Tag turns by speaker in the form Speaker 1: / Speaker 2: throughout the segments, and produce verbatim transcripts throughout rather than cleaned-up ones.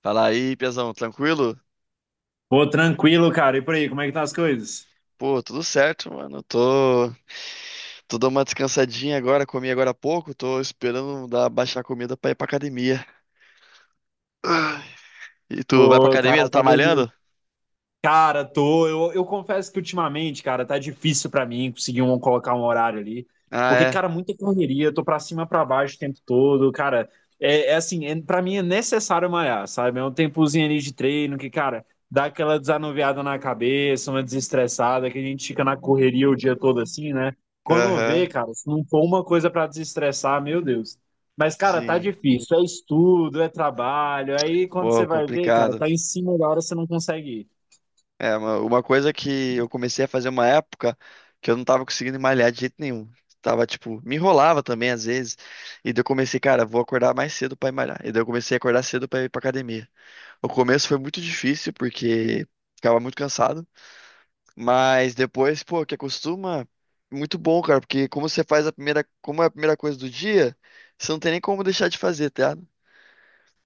Speaker 1: Fala aí, Piazão, tranquilo?
Speaker 2: Pô, tranquilo, cara. E por aí, como é que tá as coisas?
Speaker 1: Pô, tudo certo, mano. Tô, tô dando uma descansadinha agora, comi agora há pouco, tô esperando dar, baixar a comida pra ir pra academia. E tu vai pra
Speaker 2: Pô,
Speaker 1: academia?
Speaker 2: cara,
Speaker 1: Tu tá
Speaker 2: academia.
Speaker 1: malhando?
Speaker 2: Cara, tô. Eu, eu confesso que ultimamente, cara, tá difícil pra mim conseguir um, colocar um horário ali.
Speaker 1: Ah,
Speaker 2: Porque,
Speaker 1: é?
Speaker 2: cara, muita correria, eu tô pra cima, pra baixo o tempo todo. Cara, é, é assim, é, pra mim é necessário malhar, sabe? É um tempozinho ali de treino que, cara, dá aquela desanuviada na cabeça, uma desestressada, que a gente fica na correria o dia todo assim, né? Quando vê,
Speaker 1: Aham,
Speaker 2: cara, se não for uma coisa pra desestressar, meu Deus. Mas, cara, tá
Speaker 1: sim.
Speaker 2: difícil. É estudo, é trabalho. Aí, quando
Speaker 1: Pô,
Speaker 2: você vai ver, cara,
Speaker 1: complicado.
Speaker 2: tá em cima da hora, você não consegue ir.
Speaker 1: É, uma, uma coisa que eu comecei a fazer uma época que eu não tava conseguindo malhar de jeito nenhum. Tava, tipo, me enrolava também às vezes. E daí eu comecei, cara, vou acordar mais cedo pra ir malhar. E daí eu comecei a acordar cedo pra ir pra academia. O começo foi muito difícil porque ficava muito cansado, mas depois, pô, que acostuma, muito bom, cara, porque como você faz a primeira, como é a primeira coisa do dia, você não tem nem como deixar de fazer, tá ligado?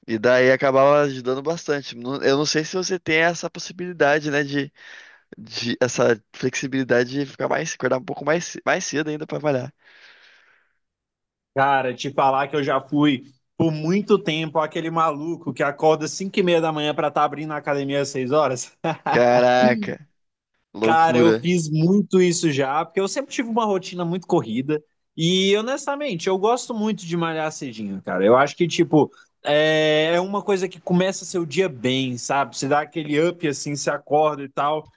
Speaker 1: E daí acabava ajudando bastante. Não- Eu não sei se você tem essa possibilidade, né, de, de essa flexibilidade de ficar mais, acordar um pouco mais, mais cedo ainda pra trabalhar.
Speaker 2: Cara, te falar que eu já fui por muito tempo aquele maluco que acorda às cinco e meia da manhã pra estar abrindo a academia às seis horas.
Speaker 1: Caraca,
Speaker 2: Cara, eu
Speaker 1: loucura.
Speaker 2: fiz muito isso já, porque eu sempre tive uma rotina muito corrida. E honestamente, eu gosto muito de malhar cedinho, cara. Eu acho que, tipo, é é uma coisa que começa seu dia bem, sabe? Você dá aquele up assim, se acorda e tal.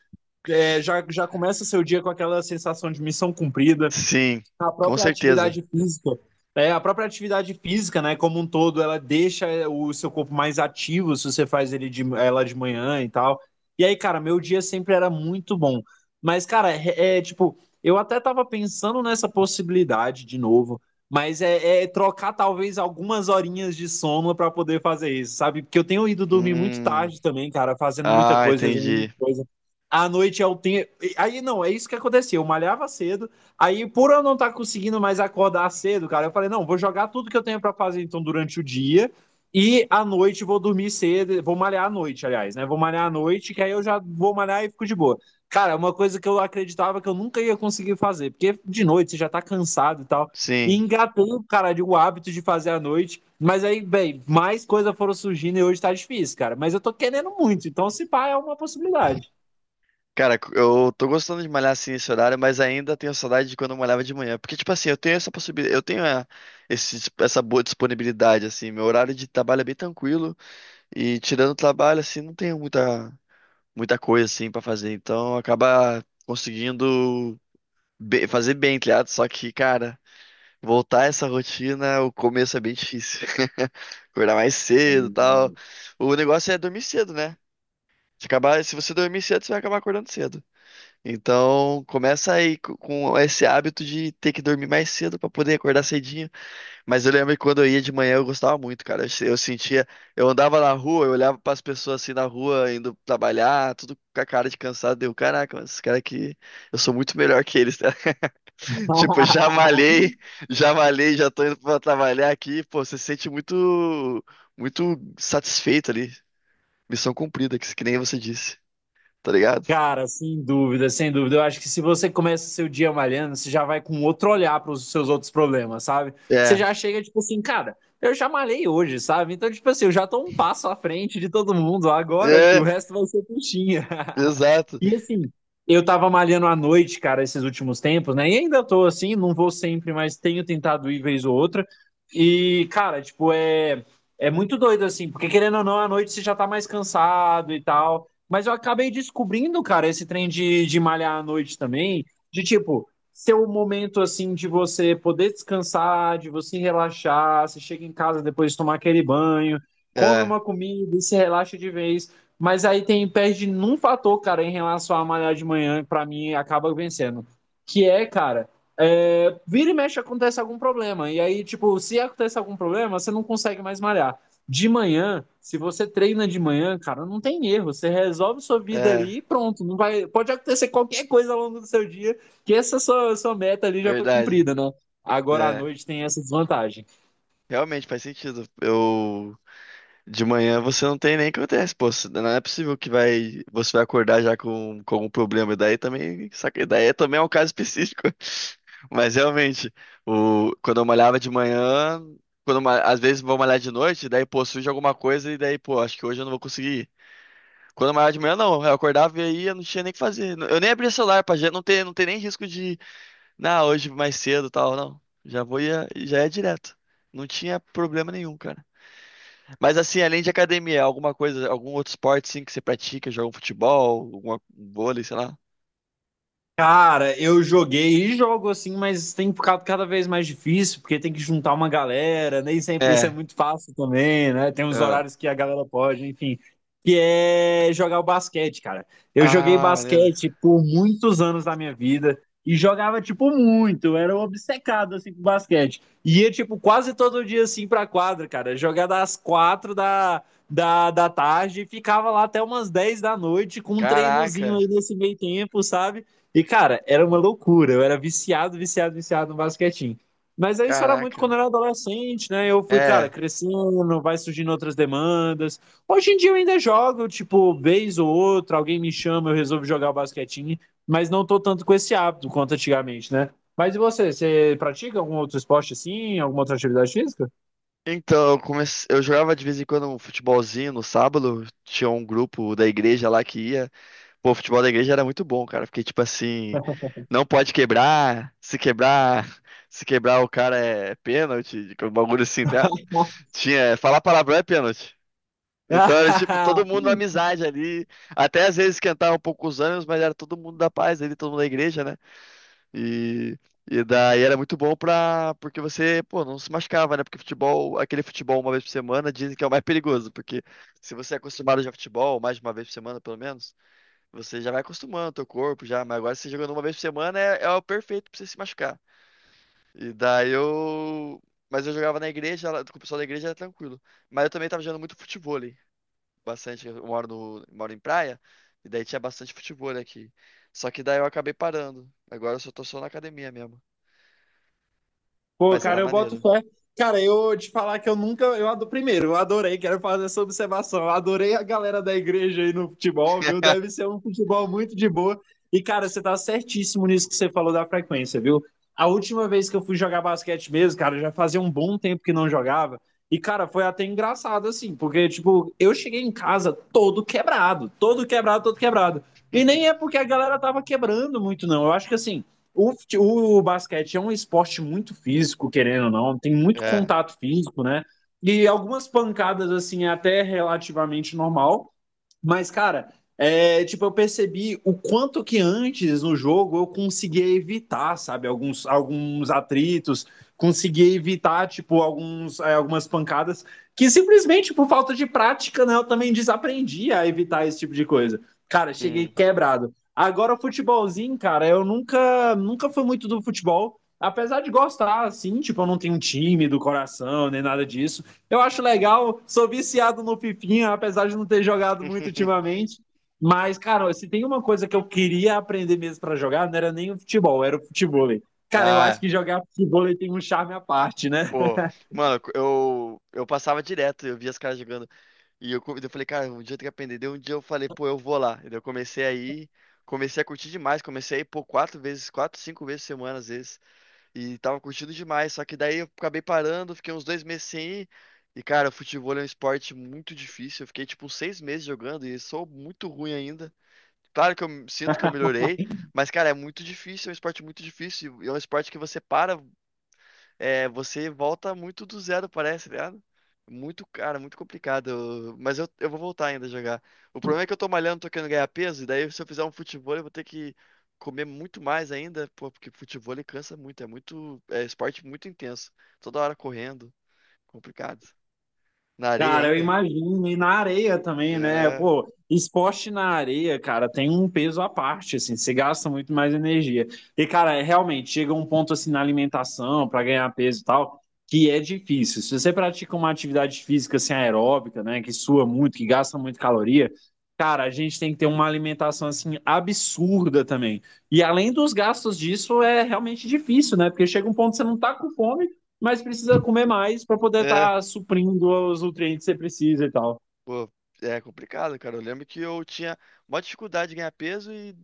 Speaker 2: É, já, já começa seu dia com aquela sensação de missão cumprida
Speaker 1: Sim,
Speaker 2: a
Speaker 1: com
Speaker 2: própria
Speaker 1: certeza.
Speaker 2: atividade física, é, a própria atividade física, né, como um todo, ela deixa é, o seu corpo mais ativo se você faz ele de, ela de manhã e tal. E aí, cara, meu dia sempre era muito bom. Mas, cara, é, é, tipo, eu até tava pensando nessa possibilidade de novo, mas é, é trocar talvez algumas horinhas de sono pra poder fazer isso, sabe? Porque eu tenho ido dormir muito
Speaker 1: Hum,
Speaker 2: tarde também, cara, fazendo muita
Speaker 1: ah,
Speaker 2: coisa, resolvendo
Speaker 1: entendi.
Speaker 2: muita coisa. À noite eu tenho. Aí não, é isso que acontecia. Eu malhava cedo, aí, por eu não estar tá conseguindo mais acordar cedo, cara, eu falei, não, vou jogar tudo que eu tenho para fazer então durante o dia e à noite vou dormir cedo, vou malhar à noite, aliás, né? Vou malhar à noite, que aí eu já vou malhar e fico de boa. Cara, é uma coisa que eu acreditava que eu nunca ia conseguir fazer, porque de noite você já tá cansado e tal. E
Speaker 1: Sim.
Speaker 2: engatei, cara, de o hábito de fazer à noite. Mas aí, bem, mais coisas foram surgindo e hoje tá difícil, cara. Mas eu tô querendo muito, então se pá é uma possibilidade.
Speaker 1: Cara, eu tô gostando de malhar assim nesse horário, mas ainda tenho saudade de quando eu malhava de manhã. Porque, tipo assim, eu tenho essa possibilidade, eu tenho eh, esse- essa boa disponibilidade, assim. Meu horário de trabalho é bem tranquilo e, tirando o trabalho, assim, não tenho muita, muita coisa, assim, pra fazer. Então, acaba conseguindo be- fazer bem, tá ligado? Só que, cara, voltar a essa rotina, o começo é bem difícil. Acordar mais cedo e tal. O negócio é dormir cedo, né? Se acabar, se você dormir cedo, você vai acabar acordando cedo. Então, começa aí co- com esse hábito de ter que dormir mais cedo pra poder acordar cedinho. Mas eu lembro que quando eu ia de manhã eu gostava muito, cara. Eu, se- eu sentia, eu andava na rua, eu olhava pras pessoas assim na rua indo trabalhar, tudo com a cara de cansado. Deu, caraca, mas esses caras aqui, eu sou muito melhor que eles, tá? Tipo, já malhei, já malhei, já tô indo pra trabalhar aqui. Pô, você se sente muito, muito satisfeito ali. Missão cumprida, que que nem você disse, tá ligado?
Speaker 2: Cara, sem dúvida, sem dúvida. Eu acho que se você começa seu dia malhando, você já vai com outro olhar para os seus outros problemas, sabe? Você
Speaker 1: É,
Speaker 2: já chega, tipo assim, cara, eu já malhei hoje, sabe? Então, tipo assim, eu já tô um passo à frente de todo mundo. Agora, filho, o
Speaker 1: é,
Speaker 2: resto vai ser puxinha.
Speaker 1: exato.
Speaker 2: E assim, eu tava malhando à noite, cara, esses últimos tempos, né? E ainda tô assim, não vou sempre, mas tenho tentado ir vez ou outra. E, cara, tipo, é, é muito doido, assim, porque querendo ou não, à noite você já tá mais cansado e tal. Mas eu acabei descobrindo, cara, esse trem de, de malhar à noite também, de tipo, ser um momento assim de você poder descansar, de você relaxar, você chega em casa depois de tomar aquele banho, come
Speaker 1: É,
Speaker 2: uma comida e se relaxa de vez. Mas aí tem perde num fator, cara, em relação a malhar de manhã, pra mim acaba vencendo. Que é, cara, é, vira e mexe acontece algum problema. E aí, tipo, se acontece algum problema, você não consegue mais malhar. De manhã, se você treina de manhã, cara, não tem erro. Você resolve sua vida
Speaker 1: é,
Speaker 2: ali e pronto. Não vai, pode acontecer qualquer coisa ao longo do seu dia, que essa sua, sua meta ali já foi
Speaker 1: verdade.
Speaker 2: cumprida, né? Agora à
Speaker 1: É,
Speaker 2: noite tem essa desvantagem.
Speaker 1: realmente faz sentido. Eu de manhã você não tem nem o que acontece, pô. Você- Não é possível que vai você vai acordar já com com algum problema. Daí também, saca, daí é- também é um caso específico. Mas realmente, o quando eu malhava de manhã, quando eu ma- às vezes vou malhar de noite, daí pô, surge alguma coisa e daí pô, acho que hoje eu não vou conseguir ir. Quando eu malhava de manhã, não, eu acordava e aí eu não tinha nem o que fazer. Eu nem abria celular pra gente, não ter, não ter nem risco. Não, hoje mais cedo e tal, não. Já vou ia, já é direto. Não tinha problema nenhum, cara. Mas assim, além de academia, alguma coisa, algum outro esporte sim que você pratica, joga um futebol, alguma, um vôlei, sei lá.
Speaker 2: Cara, eu joguei e jogo assim, mas tem ficado cada vez mais difícil, porque tem que juntar uma galera, nem sempre isso é
Speaker 1: É,
Speaker 2: muito fácil também, né? Tem uns
Speaker 1: é.
Speaker 2: horários que a galera pode, enfim. Que é jogar o basquete, cara. Eu joguei
Speaker 1: Ah, maneiro.
Speaker 2: basquete por muitos anos da minha vida e jogava, tipo, muito, era obcecado, assim, com basquete. Ia, tipo, quase todo dia, assim, pra quadra, cara. Jogar das quatro da, da, da tarde e ficava lá até umas dez da noite com um treinozinho
Speaker 1: Caraca,
Speaker 2: aí nesse meio tempo, sabe? E, cara, era uma loucura. Eu era viciado, viciado, viciado no basquetinho. Mas aí isso era muito
Speaker 1: caraca.
Speaker 2: quando eu era adolescente, né? Eu fui, cara,
Speaker 1: É.
Speaker 2: crescendo, vai surgindo outras demandas. Hoje em dia eu ainda jogo, tipo, vez ou outra, alguém me chama, eu resolvo jogar o basquetinho, mas não tô tanto com esse hábito quanto antigamente, né? Mas e você? Você pratica algum outro esporte assim? Alguma outra atividade física?
Speaker 1: Então, eu comecei, eu jogava de vez em quando um futebolzinho no sábado, tinha um grupo da igreja lá que ia. Pô, o futebol da igreja era muito bom, cara, porque, tipo assim, não pode quebrar, se quebrar, se quebrar o cara é pênalti, tipo, um bagulho assim, tá? Tinha, falar palavrão é pênalti. Então era, tipo, todo mundo na amizade ali, até às vezes esquentava um pouco os ânimos, mas era todo mundo da paz ali, todo mundo da igreja, né? E, e daí era muito bom pra, porque você, pô, não se machucava, né? Porque futebol, aquele futebol uma vez por semana, dizem que é o mais perigoso, porque se você é acostumado a jogar futebol mais de uma vez por semana, pelo menos, você já vai acostumando o teu corpo já, mas agora você jogando uma vez por semana é, é o perfeito pra você se machucar. E daí eu. Mas eu jogava na igreja, lá- com o pessoal da igreja era tranquilo. Mas eu também tava jogando muito futevôlei. Bastante. Eu moro, no, moro em praia, e daí tinha bastante futevôlei aqui. Só que daí eu acabei parando. Agora eu só tô só na academia mesmo.
Speaker 2: Pô,
Speaker 1: Mas era
Speaker 2: cara, eu boto
Speaker 1: maneiro.
Speaker 2: fé. Cara, eu te falar que eu nunca. Eu adoro, primeiro, eu adorei, quero fazer essa observação. Eu adorei a galera da igreja aí no futebol, viu? Deve ser um futebol muito de boa. E, cara, você tá certíssimo nisso que você falou da frequência, viu? A última vez que eu fui jogar basquete mesmo, cara, já fazia um bom tempo que não jogava. E, cara, foi até engraçado, assim, porque, tipo, eu cheguei em casa todo quebrado, todo quebrado, todo quebrado. E nem é porque a galera tava quebrando muito, não. Eu acho que, assim. O, o basquete é um esporte muito físico, querendo ou não, tem muito
Speaker 1: É.
Speaker 2: contato físico, né? E algumas pancadas, assim, é até relativamente normal. Mas, cara, é, tipo, eu percebi o quanto que antes no jogo eu conseguia evitar, sabe, alguns, alguns atritos, conseguia evitar, tipo, alguns, é, algumas pancadas que simplesmente por falta de prática, né, eu também desaprendi a evitar esse tipo de coisa. Cara, cheguei
Speaker 1: Hum.
Speaker 2: quebrado. Agora, o futebolzinho, cara, eu nunca, nunca fui muito do futebol, apesar de gostar, assim, tipo, eu não tenho um time do coração, nem nada disso. Eu acho legal, sou viciado no Fifinha, apesar de não ter jogado muito ultimamente. Mas, cara, se tem uma coisa que eu queria aprender mesmo pra jogar, não era nem o futebol, era o futebol. Cara, eu
Speaker 1: Ah,
Speaker 2: acho
Speaker 1: é.
Speaker 2: que jogar futebol tem um charme à parte, né?
Speaker 1: Pô. Mano, eu, eu passava direto, eu via as caras jogando. E eu, co- eu falei, cara, um dia tem que aprender. Daí um dia eu falei, pô, eu vou lá. E daí eu comecei a ir, comecei a curtir demais. Comecei a ir, pô, quatro vezes, quatro, cinco vezes por semana, às vezes. E tava curtindo demais. Só que daí eu acabei parando, fiquei uns dois meses sem ir. E, cara, futebol é um esporte muito difícil. Eu fiquei, tipo, uns seis meses jogando e sou muito ruim ainda. Claro que eu me- sinto que eu melhorei, mas, cara, é muito difícil, é um esporte muito difícil. E é um esporte que você para é, você volta muito do zero, parece, tá ligado? Muito, cara, muito complicado. Eu- Mas eu, eu vou voltar ainda a jogar. O problema é que eu tô malhando, tô querendo ganhar peso, e daí se eu fizer um futebol, eu vou ter que comer muito mais ainda, pô, porque futebol ele cansa muito, é muito, é esporte muito intenso. Toda hora correndo, complicado. Na areia
Speaker 2: Cara, eu
Speaker 1: ainda?
Speaker 2: imagino, e na areia também, né?
Speaker 1: É.
Speaker 2: Pô, esporte na areia, cara, tem um peso à parte, assim, você gasta muito mais energia. E, cara, é, realmente, chega um ponto, assim, na alimentação, para ganhar peso e tal, que é difícil. Se você pratica uma atividade física, assim, aeróbica, né, que sua muito, que gasta muito caloria, cara, a gente tem que ter uma alimentação, assim, absurda também. E além dos gastos disso, é realmente difícil, né? Porque chega um ponto que você não tá com fome mas precisa comer mais para poder
Speaker 1: é.
Speaker 2: estar suprindo os nutrientes que você precisa e tal.
Speaker 1: Pô, é complicado, cara. Eu lembro que eu tinha maior dificuldade de ganhar peso e,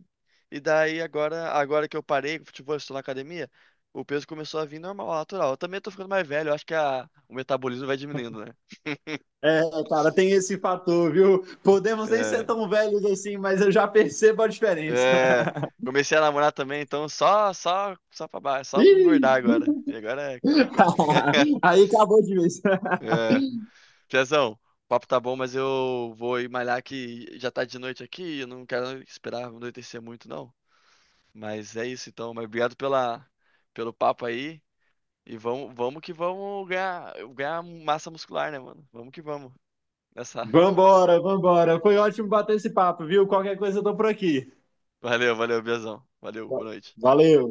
Speaker 1: e daí agora, agora que eu parei com futebol, estou na academia, o peso começou a vir normal, natural. Eu também tô ficando mais velho, eu acho que a, o metabolismo vai diminuindo, né?
Speaker 2: É, cara, tem esse fator, viu? Podemos nem ser
Speaker 1: É,
Speaker 2: tão velhos assim, mas eu já percebo a diferença.
Speaker 1: é, comecei a namorar também, então só, só, só pra baixo, só pra engordar
Speaker 2: Ih!
Speaker 1: agora. E agora é, complicou.
Speaker 2: Aí acabou de vez.
Speaker 1: É, Piazão, o papo tá bom, mas eu vou ir malhar que já tá de noite aqui, eu não quero esperar anoitecer muito, não. Mas é isso então, mas obrigado pela, pelo papo aí. E vamos, vamos que vamos ganhar, ganhar massa muscular, né, mano? Vamos que vamos. Nessa.
Speaker 2: Vambora, vambora. Foi ótimo bater esse papo, viu? Qualquer coisa eu tô por aqui.
Speaker 1: Valeu, valeu, Biazão. Valeu, boa
Speaker 2: Va-
Speaker 1: noite.
Speaker 2: Valeu!